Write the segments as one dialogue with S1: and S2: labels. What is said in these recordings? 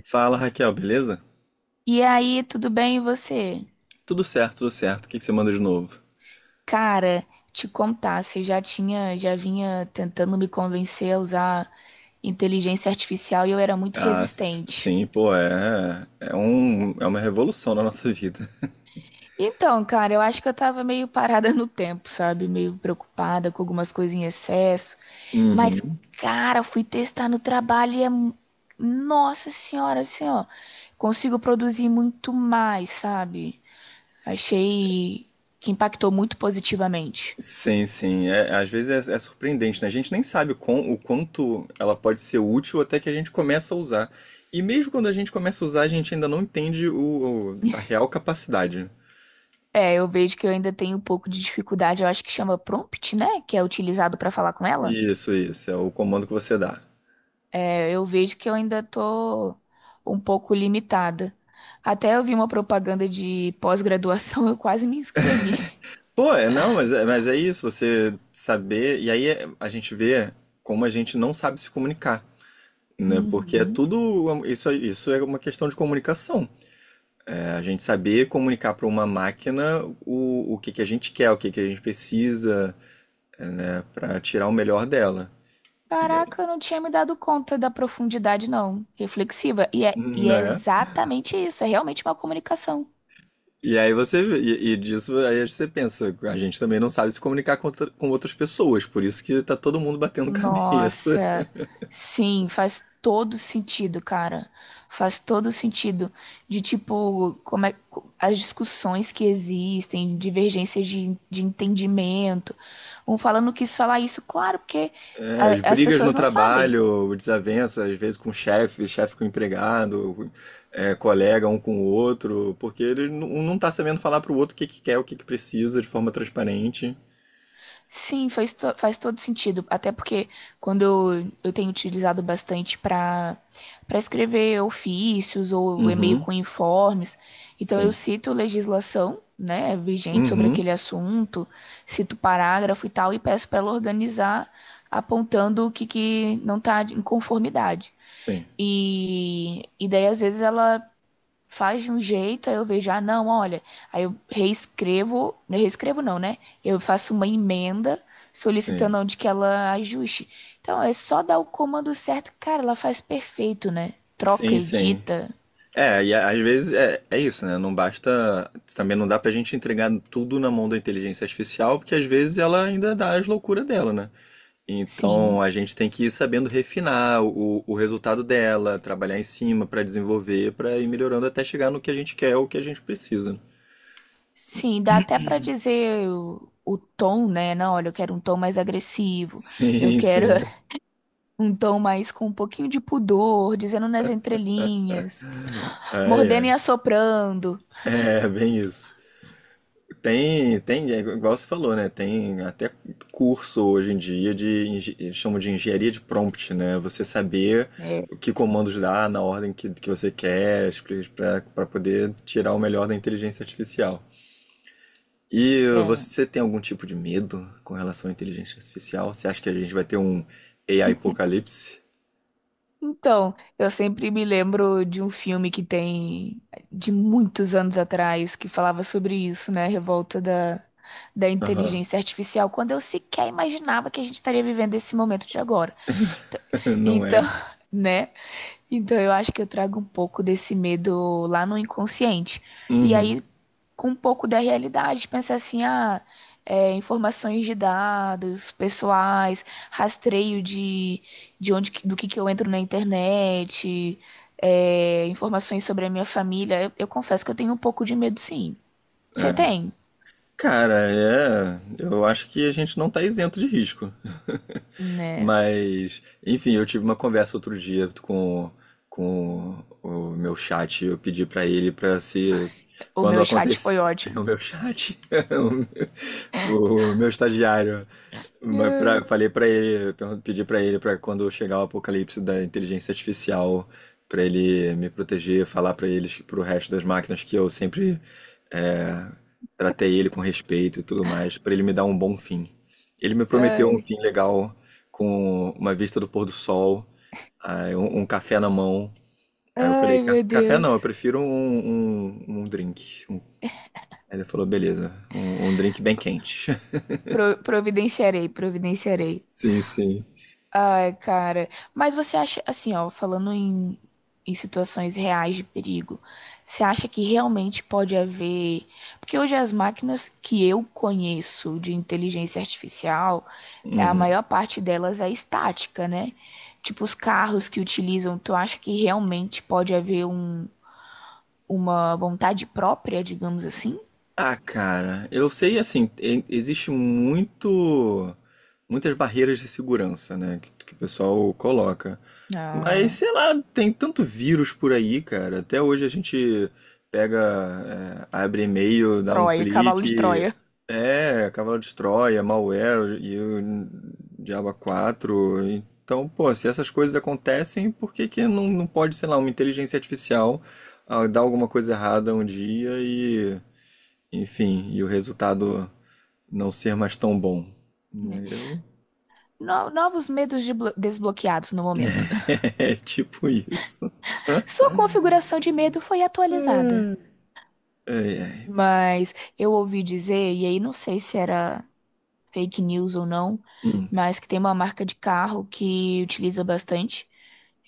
S1: Fala, Raquel, beleza?
S2: E aí, tudo bem e você?
S1: Tudo certo, tudo certo. O que você manda de novo?
S2: Cara, te contar, você já tinha, já vinha tentando me convencer a usar inteligência artificial e eu era muito resistente.
S1: Sim, pô, é uma revolução na nossa vida.
S2: Então, cara, eu acho que eu tava meio parada no tempo, sabe? Meio preocupada com algumas coisas em excesso. Mas,
S1: Uhum.
S2: cara, fui testar no trabalho Nossa senhora, assim, ó. Consigo produzir muito mais, sabe? Achei que impactou muito positivamente.
S1: Sim, sim. É, às vezes é surpreendente, né? A gente nem sabe o quanto ela pode ser útil até que a gente começa a usar. E mesmo quando a gente começa a usar, a gente ainda não entende a real capacidade.
S2: É, eu vejo que eu ainda tenho um pouco de dificuldade, eu acho que chama prompt, né? Que é utilizado para falar com ela.
S1: Isso, isso. É o comando que você dá.
S2: É, eu vejo que eu ainda tô um pouco limitada. Até eu vi uma propaganda de pós-graduação, eu quase me inscrevi.
S1: Pô, é, não, mas é isso, você saber. A gente vê como a gente não sabe se comunicar, né? Porque é
S2: Uhum.
S1: tudo. Isso é uma questão de comunicação. É a gente saber comunicar para uma máquina o que a gente quer, o que que a gente precisa, né, para tirar o melhor dela. E,
S2: Caraca, eu não tinha me dado conta da profundidade, não. Reflexiva. E é
S1: né?
S2: exatamente isso, é realmente uma comunicação.
S1: E aí e disso aí você pensa, a gente também não sabe se comunicar com outras pessoas, por isso que tá todo mundo batendo cabeça.
S2: Nossa, sim, faz todo sentido, cara. Faz todo sentido de tipo, como é as discussões que existem, divergências de entendimento. Um falando quis falar isso, claro, porque
S1: É, as
S2: as
S1: brigas
S2: pessoas
S1: no
S2: não sabem.
S1: trabalho, desavença, às vezes com o chefe, chefe com o empregado, é, colega um com o outro, porque um não tá sabendo falar pro outro o que quer, o que precisa de forma transparente.
S2: Sim, faz todo sentido. Até porque quando eu tenho utilizado bastante para escrever ofícios ou e-mail
S1: Uhum,
S2: com informes, então eu
S1: sim.
S2: cito legislação, né, vigente sobre
S1: Uhum,
S2: aquele assunto, cito parágrafo e tal, e peço para ela organizar apontando o que, que não está em conformidade.
S1: sim.
S2: E daí, às vezes, ela faz de um jeito, aí eu vejo, ah, não, olha, aí eu reescrevo, não é reescrevo não, né? Eu faço uma emenda
S1: Sim.
S2: solicitando onde que ela ajuste. Então, é só dar o comando certo, cara, ela faz perfeito, né? Troca,
S1: Sim, sim.
S2: edita,
S1: É, às vezes é isso, né? Não basta. Também não dá pra gente entregar tudo na mão da inteligência artificial, porque às vezes ela ainda dá as loucuras dela, né? Então
S2: sim.
S1: a gente tem que ir sabendo refinar o resultado dela, trabalhar em cima para desenvolver, para ir melhorando até chegar no que a gente quer, o que a gente precisa.
S2: Sim, dá até pra dizer o tom, né? Não, olha, eu quero um tom mais agressivo, eu
S1: Sim,
S2: quero
S1: sim.
S2: um tom mais com um pouquinho de pudor, dizendo nas entrelinhas,
S1: Ai,
S2: mordendo e
S1: ai.
S2: assoprando.
S1: É, bem isso. É igual você falou, né? Tem até curso hoje em dia eles chamam de engenharia de prompt, né? Você saber
S2: É,
S1: o que comandos dar na ordem que você quer, para poder tirar o melhor da inteligência artificial. E
S2: é.
S1: você tem algum tipo de medo com relação à inteligência artificial? Você acha que a gente vai ter um AI apocalipse?
S2: Então, eu sempre me lembro de um filme que tem de muitos anos atrás que falava sobre isso, né? A Revolta da
S1: Aham.
S2: inteligência artificial, quando eu sequer imaginava que a gente estaria vivendo esse momento de agora. Então,
S1: Não
S2: então,
S1: é?
S2: né? Então eu acho que eu trago um pouco desse medo lá no inconsciente. E
S1: Uhum.
S2: aí, com um pouco da realidade, pensar assim, ah, é, informações de dados pessoais, rastreio de onde, do que eu entro na internet, é, informações sobre a minha família. Eu confesso que eu tenho um pouco de medo, sim. Você
S1: É.
S2: tem,
S1: Cara, é. Eu acho que a gente não tá isento de risco.
S2: né?
S1: Mas, enfim, eu tive uma conversa outro dia com o meu chat. Eu pedi pra ele pra se.
S2: O
S1: Quando
S2: meu chat foi
S1: acontecer.
S2: ótimo.
S1: O meu chat. O meu estagiário.
S2: Ai,
S1: Falei pra ele. Pedi pra ele pra quando chegar o apocalipse da inteligência artificial. Pra ele me proteger, falar pra eles, pro resto das máquinas que eu sempre, é, tratei ele com respeito e tudo mais, pra ele me dar um bom fim. Ele me prometeu um
S2: ai,
S1: fim legal, com uma vista do pôr do sol, aí um café na mão. Aí eu falei,
S2: ai, meu
S1: Café não, eu
S2: Deus.
S1: prefiro um drink. Aí ele falou, beleza, um drink bem quente.
S2: Providenciarei, providenciarei.
S1: Sim, sim.
S2: Ai, cara. Mas você acha, assim, ó, falando em situações reais de perigo, você acha que realmente pode haver. Porque hoje as máquinas que eu conheço de inteligência artificial, a
S1: Uhum.
S2: maior parte delas é estática, né? Tipo, os carros que utilizam, tu acha que realmente pode haver um, uma vontade própria, digamos assim?
S1: Ah, cara, eu sei assim, existe muito muitas barreiras de segurança, né, que o pessoal coloca. Mas
S2: Ah,
S1: sei lá, tem tanto vírus por aí, cara. Até hoje a gente pega, é, abre e-mail, dá um
S2: Troia, cavalo de
S1: clique,
S2: Troia.
S1: é, cavalo de Troia, malware e o Diabo quatro. Então, pô, se essas coisas acontecem, por que que não pode, sei lá, uma inteligência artificial, ah, dar alguma coisa errada um dia, enfim, e o resultado não ser mais tão bom,
S2: Né?
S1: né? Eu...
S2: Novos medos de desbloqueados no momento.
S1: É tipo isso.
S2: Sua configuração de medo foi atualizada.
S1: Ai, ai.
S2: Mas eu ouvi dizer, e aí não sei se era fake news ou não,
S1: Hum,
S2: mas que tem uma marca de carro que utiliza bastante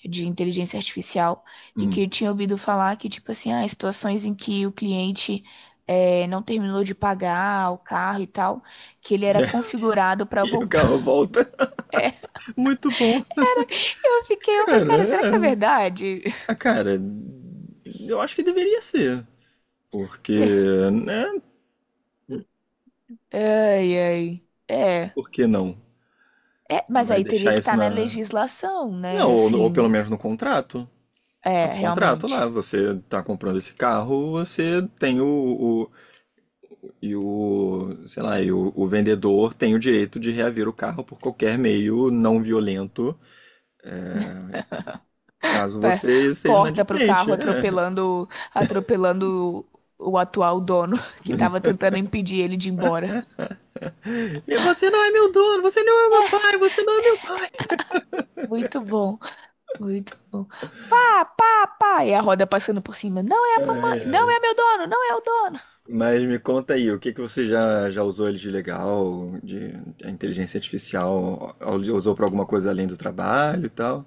S2: de inteligência artificial e
S1: hum.
S2: que eu tinha ouvido falar que, tipo assim, ah, situações em que o cliente eh, não terminou de pagar o carro e tal, que ele
S1: E,
S2: era
S1: aí,
S2: configurado para
S1: e o carro
S2: voltar.
S1: volta. Muito bom.
S2: Eu fiquei, eu falei,
S1: Cara,
S2: cara, será que é
S1: é...
S2: verdade?
S1: ah, cara, eu acho que deveria ser. Porque, né?
S2: Ai, ai. É,
S1: Por que não?
S2: é, mas
S1: Vai
S2: aí teria
S1: deixar
S2: que
S1: isso
S2: estar na
S1: na.
S2: legislação,
S1: Não,
S2: né?
S1: ou pelo
S2: Assim,
S1: menos no contrato. Tá
S2: é,
S1: no contrato lá,
S2: realmente.
S1: você tá comprando esse carro, você tem e o, sei lá, o vendedor tem o direito de reaver o carro por qualquer meio não violento, caso
S2: Pé,
S1: você seja
S2: corta pro
S1: inadimplente.
S2: carro
S1: É.
S2: atropelando, atropelando o atual dono que tava tentando impedir ele de ir embora.
S1: E você não é meu dono, você não é meu pai, você não é meu pai.
S2: Muito bom, muito bom. Pá, pá, pá, e a roda passando por cima. Não é a mamãe,
S1: Ai,
S2: não
S1: ai.
S2: é meu dono, não é o dono.
S1: Mas me conta aí, o que que você já usou ele de legal, de a inteligência artificial, usou para alguma coisa além do trabalho e tal?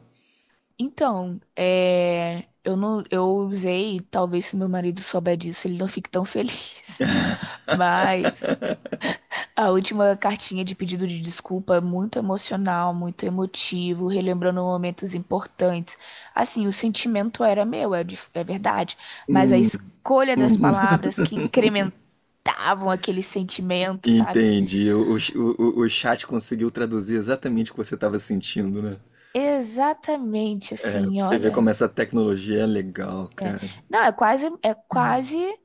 S2: Então, é, eu não, eu usei, talvez se meu marido souber disso, ele não fique tão feliz. Mas a última cartinha de pedido de desculpa, é muito emocional, muito emotivo, relembrando momentos importantes. Assim, o sentimento era meu, é, é verdade, mas a
S1: Hum,
S2: escolha das
S1: hum.
S2: palavras que incrementavam aquele sentimento, sabe?
S1: Entendi. O chat conseguiu traduzir exatamente o que você estava sentindo, né?
S2: Exatamente,
S1: Pra
S2: assim,
S1: você ver
S2: olha,
S1: como essa tecnologia é legal,
S2: é,
S1: cara.
S2: não, é quase,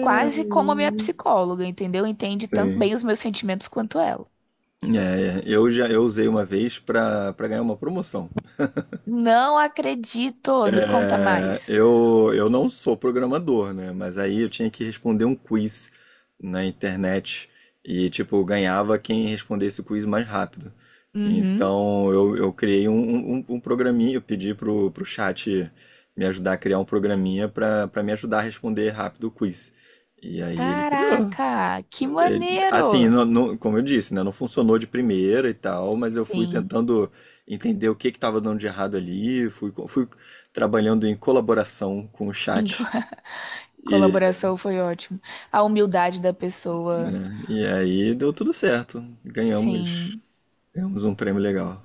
S2: quase como a minha psicóloga, entendeu? Entende tanto
S1: Sim.
S2: bem os meus sentimentos quanto ela.
S1: É, é, eu usei uma vez pra para ganhar uma promoção.
S2: Não acredito, me conta
S1: É,
S2: mais.
S1: eu não sou programador, né? Mas aí eu tinha que responder um quiz na internet e, tipo, ganhava quem respondesse o quiz mais rápido.
S2: Uhum.
S1: Então eu criei um um programinha, eu pedi pro chat me ajudar a criar um programinha pra para me ajudar a responder rápido o quiz. E aí ele criou.
S2: Caraca, que
S1: É, assim,
S2: maneiro!
S1: como eu disse, né, não funcionou de primeira e tal, mas eu fui
S2: Sim,
S1: tentando entender o que que estava dando de errado ali, fui trabalhando em colaboração com o
S2: em co-
S1: chat e,
S2: colaboração foi ótimo. A humildade da pessoa,
S1: e aí deu tudo certo. Ganhamos,
S2: sim.
S1: ganhamos um prêmio legal.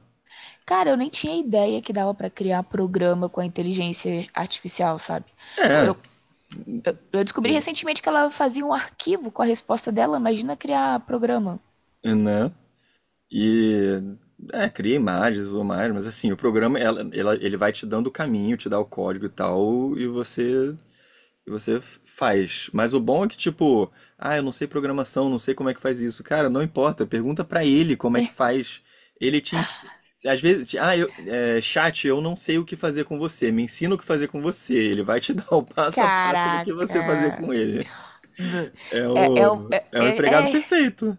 S2: Cara, eu nem tinha ideia que dava pra criar programa com a inteligência artificial, sabe?
S1: É,
S2: Eu, eu descobri recentemente que ela fazia um arquivo com a resposta dela. Imagina criar programa.
S1: né? E é, cria imagens e tudo mais, mas assim, o programa ele vai te dando o caminho, te dá o código e tal, e você faz. Mas o bom é que, tipo, ah, eu não sei programação, não sei como é que faz isso. Cara, não importa, pergunta pra ele como é que faz. Ele te ensina. Às vezes, ah, eu, é, chat, eu não sei o que fazer com você. Me ensina o que fazer com você. Ele vai te dar o passo a passo do que você fazer
S2: Caraca.
S1: com ele.
S2: Do-
S1: É
S2: É, é,
S1: o,
S2: o- é,
S1: é o empregado
S2: é, é
S1: perfeito.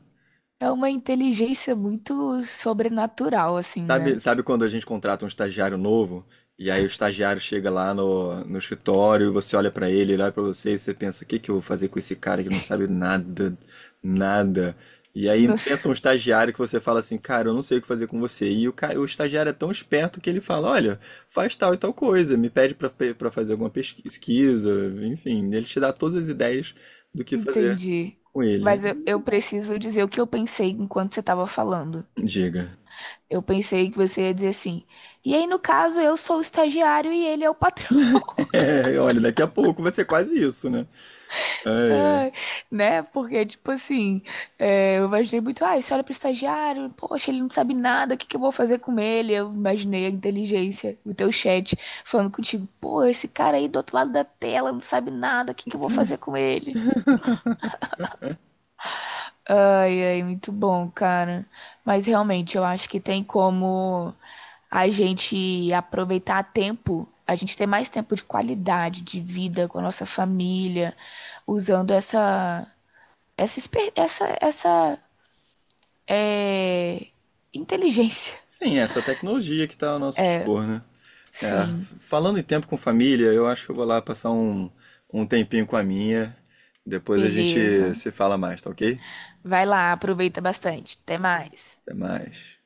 S2: é uma inteligência muito sobrenatural, assim, né?
S1: Sabe, sabe quando a gente contrata um estagiário novo e aí o estagiário chega lá no escritório e você olha pra ele, ele olha pra você e você pensa, o que que eu vou fazer com esse cara que não sabe nada, nada. E aí pensa um estagiário que você fala assim, cara, eu não sei o que fazer com você. E o cara, o estagiário é tão esperto que ele fala, olha, faz tal e tal coisa, me pede pra para fazer alguma pesquisa, enfim, ele te dá todas as ideias do que fazer
S2: Entendi.
S1: com ele.
S2: Mas eu preciso dizer o que eu pensei enquanto você estava falando.
S1: Diga.
S2: Eu pensei que você ia dizer assim. E aí, no caso, eu sou o estagiário e ele é o patrão.
S1: Olha, daqui a pouco vai ser quase isso, né? Ai, ai.
S2: Ai, né? Porque, tipo assim, é, eu imaginei muito, ah, você olha pro estagiário, poxa, ele não sabe nada, o que que eu vou fazer com ele? Eu imaginei a inteligência, o teu chat falando contigo, pô, esse cara aí do outro lado da tela não sabe nada, o que que
S1: Não
S2: eu vou
S1: sabe?
S2: fazer com ele? Ai, ai, muito bom, cara. Mas realmente, eu acho que tem como a gente aproveitar tempo, a gente ter mais tempo de qualidade de vida com a nossa família, usando essa é, inteligência.
S1: Sim, é essa tecnologia que está ao nosso dispor, né? É,
S2: Sim,
S1: falando em tempo com família, eu acho que eu vou lá passar um tempinho com a minha. Depois a gente
S2: beleza.
S1: se fala mais, tá ok?
S2: Vai lá, aproveita bastante. Até mais.
S1: Até mais.